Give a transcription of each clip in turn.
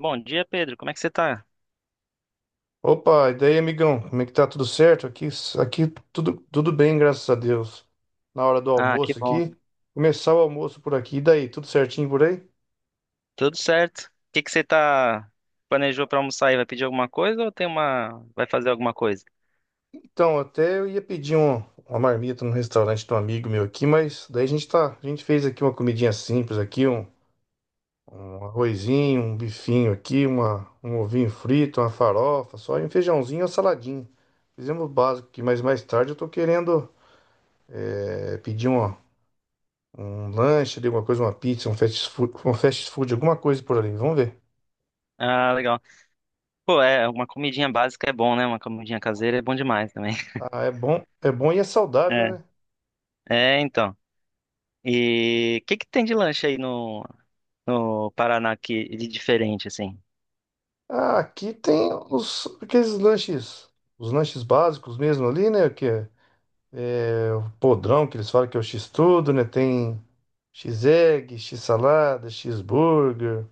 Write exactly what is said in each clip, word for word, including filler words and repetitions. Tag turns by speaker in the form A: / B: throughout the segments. A: Bom dia, Pedro. Como é que você tá?
B: Opa, e daí, amigão? Como é que tá? Tudo certo? Aqui, aqui tudo, tudo bem, graças a Deus. Na hora do
A: Ah, que
B: almoço
A: bom.
B: aqui, começar o almoço por aqui. E daí, tudo certinho por aí?
A: Tudo certo. O que que você tá planejou pra almoçar aí? Vai pedir alguma coisa ou tem uma vai fazer alguma coisa?
B: Então, até eu ia pedir um- uma marmita no restaurante de um amigo meu aqui, mas daí a gente tá, a gente fez aqui uma comidinha simples aqui, um, um arrozinho, um bifinho aqui, uma, um ovinho frito, uma farofa, só e um feijãozinho e uma saladinha. Fizemos o básico aqui, mas mais tarde eu tô querendo é, pedir uma um lanche ali, alguma coisa, uma pizza, um fast food, um fast food, alguma coisa por ali. Vamos ver.
A: Ah, legal. Pô, é, uma comidinha básica é bom, né? Uma comidinha caseira é bom demais também.
B: Ah, é bom, é bom e é saudável,
A: É,
B: né?
A: é, então. E o que que tem de lanche aí no no Paraná que de diferente assim?
B: Ah, aqui tem os aqueles lanches, os lanches básicos mesmo ali, né? Que é, é o podrão que eles falam que é o X-tudo, né? Tem X-egg, X-salada, X-burger,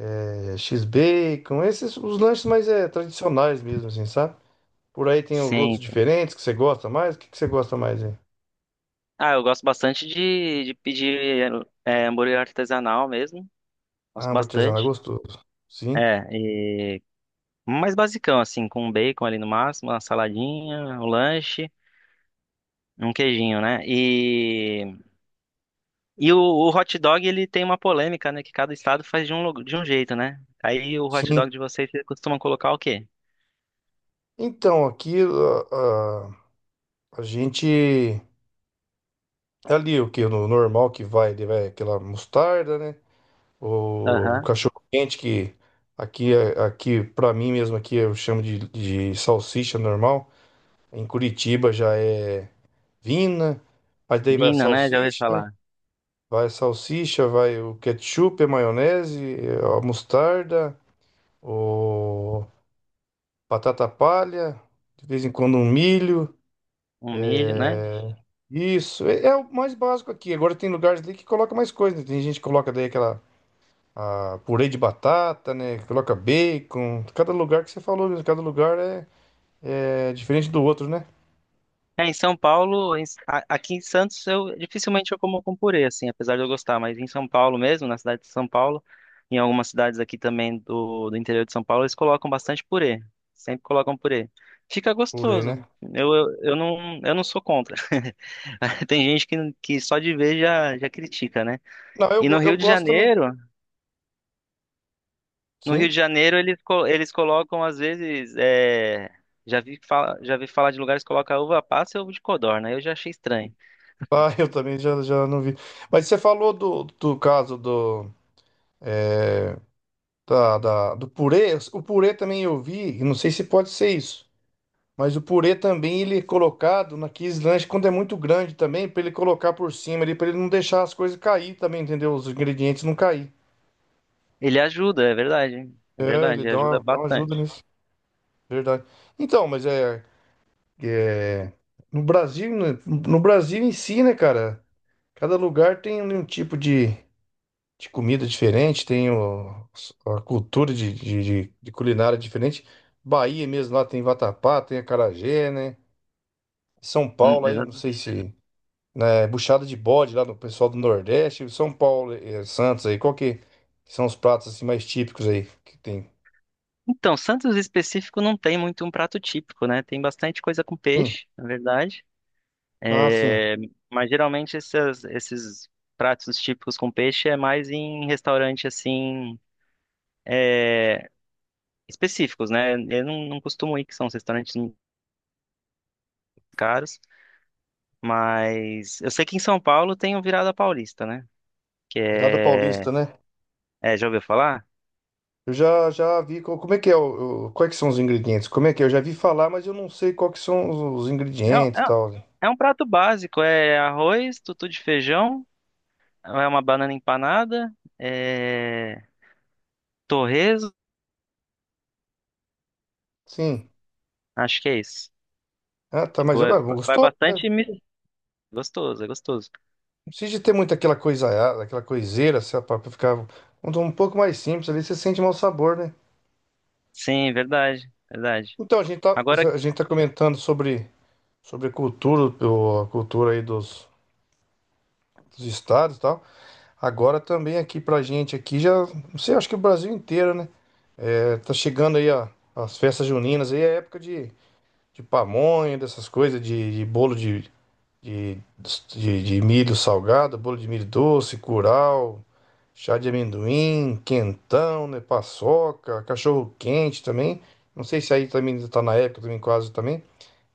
B: é, X-bacon, esses os lanches mais é, tradicionais mesmo, assim, sabe? Por aí tem
A: Sim.
B: outros diferentes que você gosta mais. O que que você gosta mais, hein?
A: Ah, eu gosto bastante de, de pedir é, hambúrguer artesanal mesmo.
B: Ah,
A: Gosto
B: hambúrguer artesanal é
A: bastante.
B: gostoso. Sim.
A: É, mais basicão, assim, com um bacon ali no máximo, uma saladinha, um lanche, um queijinho, né? E, e o, o hot dog, ele tem uma polêmica, né? Que cada estado faz de um, lu- de um jeito, né? Aí o hot
B: Sim,
A: dog de vocês, vocês costumam colocar o quê?
B: então, aqui a, a, a gente. Ali o que? No normal que vai, ele vai aquela mostarda, né? O
A: Aham.
B: cachorro quente que aqui, é- aqui para mim mesmo, aqui eu chamo de, de salsicha normal. Em Curitiba já é vina. Aí daí vai a
A: Vina, né? Já ouvi
B: salsicha, né?
A: falar.
B: Vai a salsicha, vai o ketchup, a maionese, a mostarda, o batata palha, de vez em quando um milho.
A: Um milho, né?
B: é, Isso, é, é o mais básico aqui. Agora tem lugares ali que coloca mais coisa, né? Tem gente que coloca daí aquela ah, purê de batata, né? Coloca bacon. Cada lugar que você falou, mesmo, cada lugar é, é diferente do outro, né?
A: É, em São Paulo, em- a- aqui em Santos, eu dificilmente eu como com purê, assim, apesar de eu gostar, mas em São Paulo mesmo, na cidade de São Paulo, em algumas cidades aqui também do, do interior de São Paulo, eles colocam bastante purê. Sempre colocam purê. Fica
B: Purê, né?
A: gostoso. Eu, eu, eu não, eu não sou contra. Tem gente que, que só de ver já, já critica, né?
B: Não, eu,
A: E no
B: go- eu
A: Rio de
B: gosto também.
A: Janeiro, no Rio de
B: Sim.
A: Janeiro eles, co- eles colocam às vezes, é, já vi, fala, já vi falar de lugares que colocam uva passa e ovo de codorna. Eu já achei estranho.
B: Ah, eu também já, já não vi. Mas você falou do, do caso do, da, da- do purê. O purê também eu vi, e não sei se pode ser isso. Mas o purê também ele é colocado naqueles lanches quando é muito grande também, pra ele colocar por cima ali, pra ele não deixar as coisas cair também, entendeu? Os ingredientes não cair.
A: Ele ajuda, é verdade. É
B: É,
A: verdade,
B: ele
A: ele
B: dá
A: ajuda
B: uma, dá uma ajuda
A: bastante.
B: nisso, verdade. Então, mas é, é no Brasil, né, no Brasil em si, né, cara? Cada lugar tem um um tipo de, de comida diferente, tem o- a cultura de, de, de- de culinária diferente. Bahia mesmo lá tem vatapá, tem acarajé, né? São
A: Hum,
B: Paulo aí, não
A: exa-
B: sei se né, buchada de bode lá no pessoal do Nordeste, São Paulo, eh, Santos aí, qual que são os pratos assim mais típicos aí que tem?
A: Então, Santos específico não tem muito um prato típico, né? Tem bastante coisa com
B: Hum,
A: peixe, na verdade.
B: ah, sim,
A: É, mas geralmente essas- esses pratos típicos com peixe é mais em restaurante assim específicos, né? Eu não, não costumo ir, que são os restaurantes caros, mas eu sei que em São Paulo tem o Virada Paulista, né? Que
B: virada paulista,
A: é,
B: né?
A: é, já ouviu falar?
B: Eu já já vi co- como é que é o, o- quais que são os ingredientes? Como é que é? Eu já vi falar, mas eu não sei qual que são os, os ingredientes
A: É,
B: e
A: é,
B: tal, né?
A: é um prato básico, é arroz, tutu de feijão. É uma banana empanada, é... torresmo,
B: Sim.
A: acho que é isso.
B: Ah, tá, mas
A: Tipo,
B: é
A: é-
B: mas
A: vai
B: gostou, né?
A: bastante mi- gostoso, é gostoso.
B: Não precisa de ter muito aquela coisa, ah, aquela coiseira, sabe, pra pra ficar um, um pouco mais simples ali, você sente mau sabor, né?
A: Sim, verdade, verdade.
B: Então, a gente tá,
A: Agora
B: a gente tá comentando sobre sobre cultura, o- a cultura aí dos, dos estados e tal. Agora também aqui pra gente aqui já, não sei, acho que o Brasil inteiro, né? É, tá chegando aí a- as festas juninas aí, é época de, de pamonha, dessas coisas, de, de bolo de, de, de, de milho salgado, bolo de milho doce, curau, chá de amendoim, quentão, né? Paçoca, cachorro quente também. Não sei se aí também tá na época também quase também,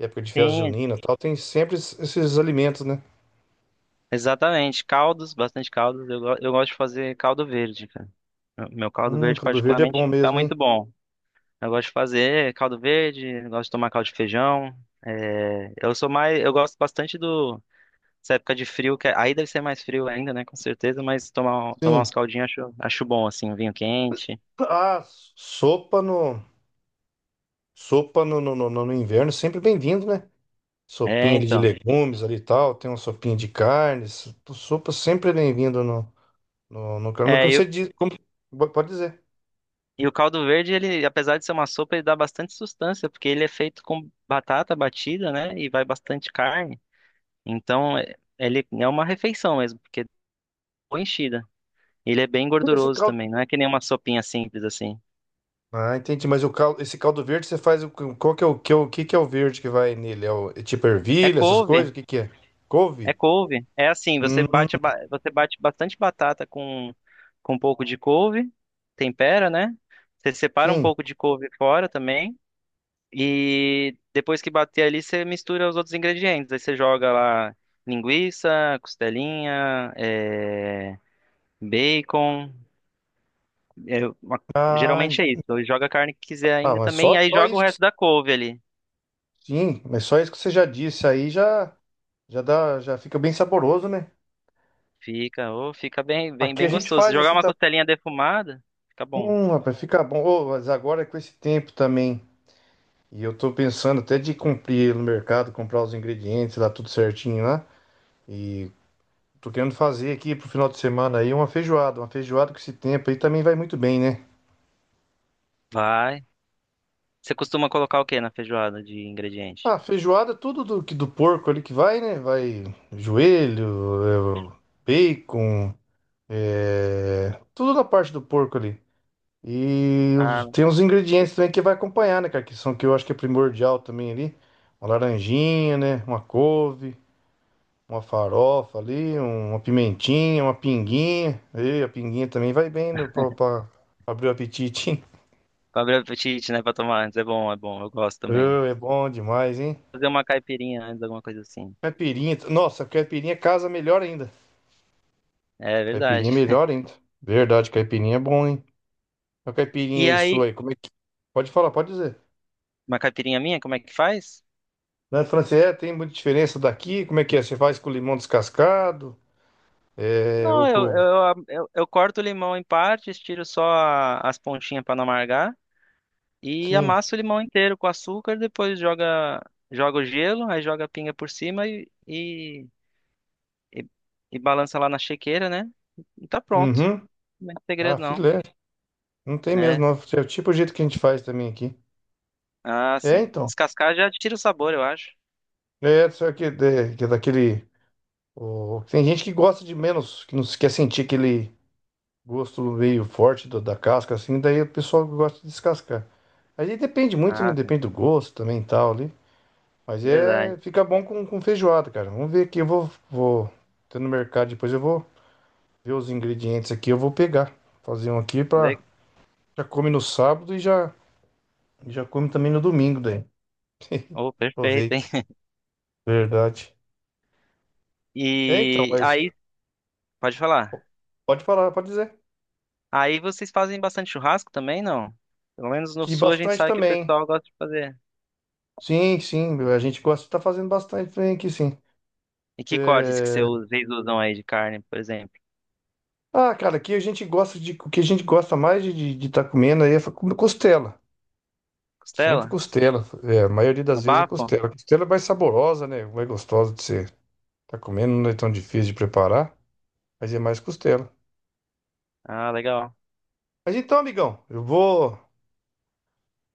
B: época de festa
A: tem,
B: junina e tal, tem sempre esses esses alimentos, né?
A: exatamente, caldos, bastante caldos. Eu, go- eu gosto de fazer caldo verde, cara. Meu meu caldo
B: Hum,
A: verde
B: caldo verde é
A: particularmente
B: bom
A: fica
B: mesmo,
A: muito
B: hein?
A: bom. Eu gosto de fazer caldo verde, eu gosto de tomar caldo de feijão. É, eu sou mais, eu gosto bastante do essa época de frio, que é, aí deve ser mais frio ainda, né? Com certeza, mas tomar, um- tomar
B: Sim.
A: uns caldinhos acho, acho bom, assim, um vinho quente.
B: Ah, sopa no, sopa no, no, no, no inverno, sempre bem-vindo, né?
A: É,
B: Sopinha ali de
A: então.
B: legumes ali e tal, tem uma sopinha de carnes, sopa sempre é bem-vindo no, no, no caldo. Mas
A: É,
B: como
A: e,
B: você
A: o-
B: diz, como- pode dizer.
A: e o caldo verde, ele, apesar de ser uma sopa, ele dá bastante sustância, porque ele é feito com batata batida, né? E vai bastante carne. Então, é- ele é uma refeição mesmo, porque é boa enchida. Ele é bem
B: Esse
A: gorduroso
B: caldo.
A: também, não é que nem uma sopinha simples assim.
B: Ah, entendi, mas o caldo, esse caldo verde você faz, o- qual que é o que, é o que que é o verde que vai nele? É, o, é tipo
A: É
B: ervilha, essas coisas?
A: couve,
B: O que que é?
A: é
B: Couve?
A: couve. É assim, você
B: Hum,
A: bate, a ba- você bate bastante batata com, com um pouco de couve, tempera, né? Você separa um
B: sim.
A: pouco de couve fora também. E depois que bater ali, você mistura os outros ingredientes. Aí você joga lá linguiça, costelinha, é, bacon. É, uma-
B: Ah, en-
A: geralmente é isso. Ou joga a carne que quiser
B: ah,
A: ainda
B: mas
A: também.
B: só,
A: Aí
B: só
A: joga o
B: isso que
A: resto da couve ali.
B: sim, mas só isso que você já disse aí já já dá, já fica bem saboroso, né?
A: Fica, ô, fica bem, bem,
B: Aqui a
A: bem
B: gente
A: gostoso. Se
B: faz
A: jogar
B: assim
A: uma
B: tá,
A: costelinha defumada, fica bom.
B: hum, rapaz, fica bom. Ô, mas agora é com esse tempo também, e eu tô pensando até de cumprir no mercado, comprar os ingredientes lá tudo certinho lá, e tô querendo fazer aqui pro final de semana aí uma feijoada, uma feijoada com esse tempo aí também vai muito bem, né?
A: Vai. Você costuma colocar o que na feijoada de ingrediente?
B: Ah, feijoada é tudo do que do porco ali que vai, né? Vai joelho, eh, bacon, é, tudo da parte do porco ali. E
A: Ah,
B: os- tem os ingredientes também que vai acompanhar, né, cara? Que são que eu acho que é primordial também ali. Uma laranjinha, né? Uma couve, uma farofa ali, um- uma pimentinha, uma pinguinha. E a pinguinha também vai bem no- pra, pra abrir o apetite, hein?
A: pra abrir o apetite, né? Pra tomar antes. É bom, é bom. Eu gosto
B: Ô,
A: também.
B: é bom demais, hein?
A: Fazer uma caipirinha antes, alguma coisa assim.
B: Caipirinha. Nossa, caipirinha casa melhor ainda.
A: É
B: Caipirinha é
A: verdade.
B: melhor ainda. Verdade, caipirinha é bom, hein? A caipirinha
A: E
B: aí sua
A: aí,
B: aí, como é que. Pode falar, pode dizer.
A: uma caipirinha minha, como é que faz?
B: Na França, é, tem muita diferença daqui? Como é que é? Você faz com limão descascado? É,
A: Não,
B: o
A: eu,
B: cu-
A: eu, eu, eu corto o limão em partes, tiro só a- as pontinhas pra não amargar e
B: sim.
A: amasso o limão inteiro com açúcar, depois joga, joga o gelo, aí joga a pinga por cima e, e, e, e balança lá na chequeira, né? E tá pronto.
B: Uhum.
A: Não é
B: Ah,
A: segredo, não.
B: filé. Não tem mesmo,
A: É.
B: não. É o tipo o jeito que a gente faz também aqui.
A: Ah,
B: É,
A: sim.
B: então.
A: Descascar já tira o sabor, eu acho.
B: É, só que, é, que é daquele. o- Tem gente que gosta de menos, que não se quer sentir aquele gosto meio forte do- da casca, assim, daí o pessoal gosta de descascar. Aí depende muito, né?
A: Ah, sim,
B: Depende do gosto também e tal ali. Mas
A: verdade.
B: é. Fica bom com, com feijoada, cara. Vamos ver aqui. Eu vou, vou. Tô no mercado, depois eu vou ver os ingredientes aqui, eu vou pegar. Fazer um aqui
A: Le-
B: pra. Já come no sábado e já. Já come também no domingo, daí.
A: Oh, perfeito,
B: Aproveita.
A: hein?
B: Verdade. É, então,
A: E
B: mas
A: aí, pode
B: po-
A: falar.
B: pode falar, pode dizer.
A: Aí vocês fazem bastante churrasco também, não? Pelo menos no
B: Que
A: sul a gente
B: bastante
A: sabe que o
B: também.
A: pessoal gosta de fazer.
B: Sim, sim, a gente gosta de tá fazendo bastante também aqui, sim.
A: E que cortes que você
B: É,
A: usa- vocês usam aí de carne, por exemplo?
B: ah, cara, aqui a gente gosta de. O que a gente gosta mais de estar comendo aí é fa- comer costela. Sempre
A: Costela?
B: costela. É, a maioria
A: No
B: das vezes é
A: bafo?
B: costela. Costela é mais saborosa, né? Mais gostosa de ser. Tá comendo, não é tão difícil de preparar, mas é mais costela.
A: Ah, legal.
B: Mas então, amigão, eu vou.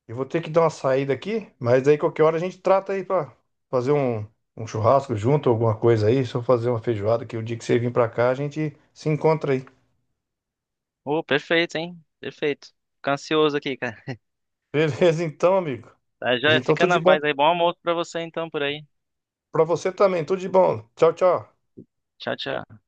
B: Eu vou ter que dar uma saída aqui, mas aí qualquer hora a gente trata aí pra fazer um, um churrasco junto, alguma coisa aí. Só fazer uma feijoada, que o dia que você vir pra cá a gente se encontra aí.
A: Oh, perfeito, hein? Perfeito. Fico ansioso aqui, cara.
B: Beleza, então, amigo.
A: Tá, já
B: Então,
A: fica
B: tudo de
A: na
B: bom
A: paz aí. Bom almoço pra você então por aí.
B: pra você também. Tudo de bom. Tchau, tchau.
A: Tchau, tchau.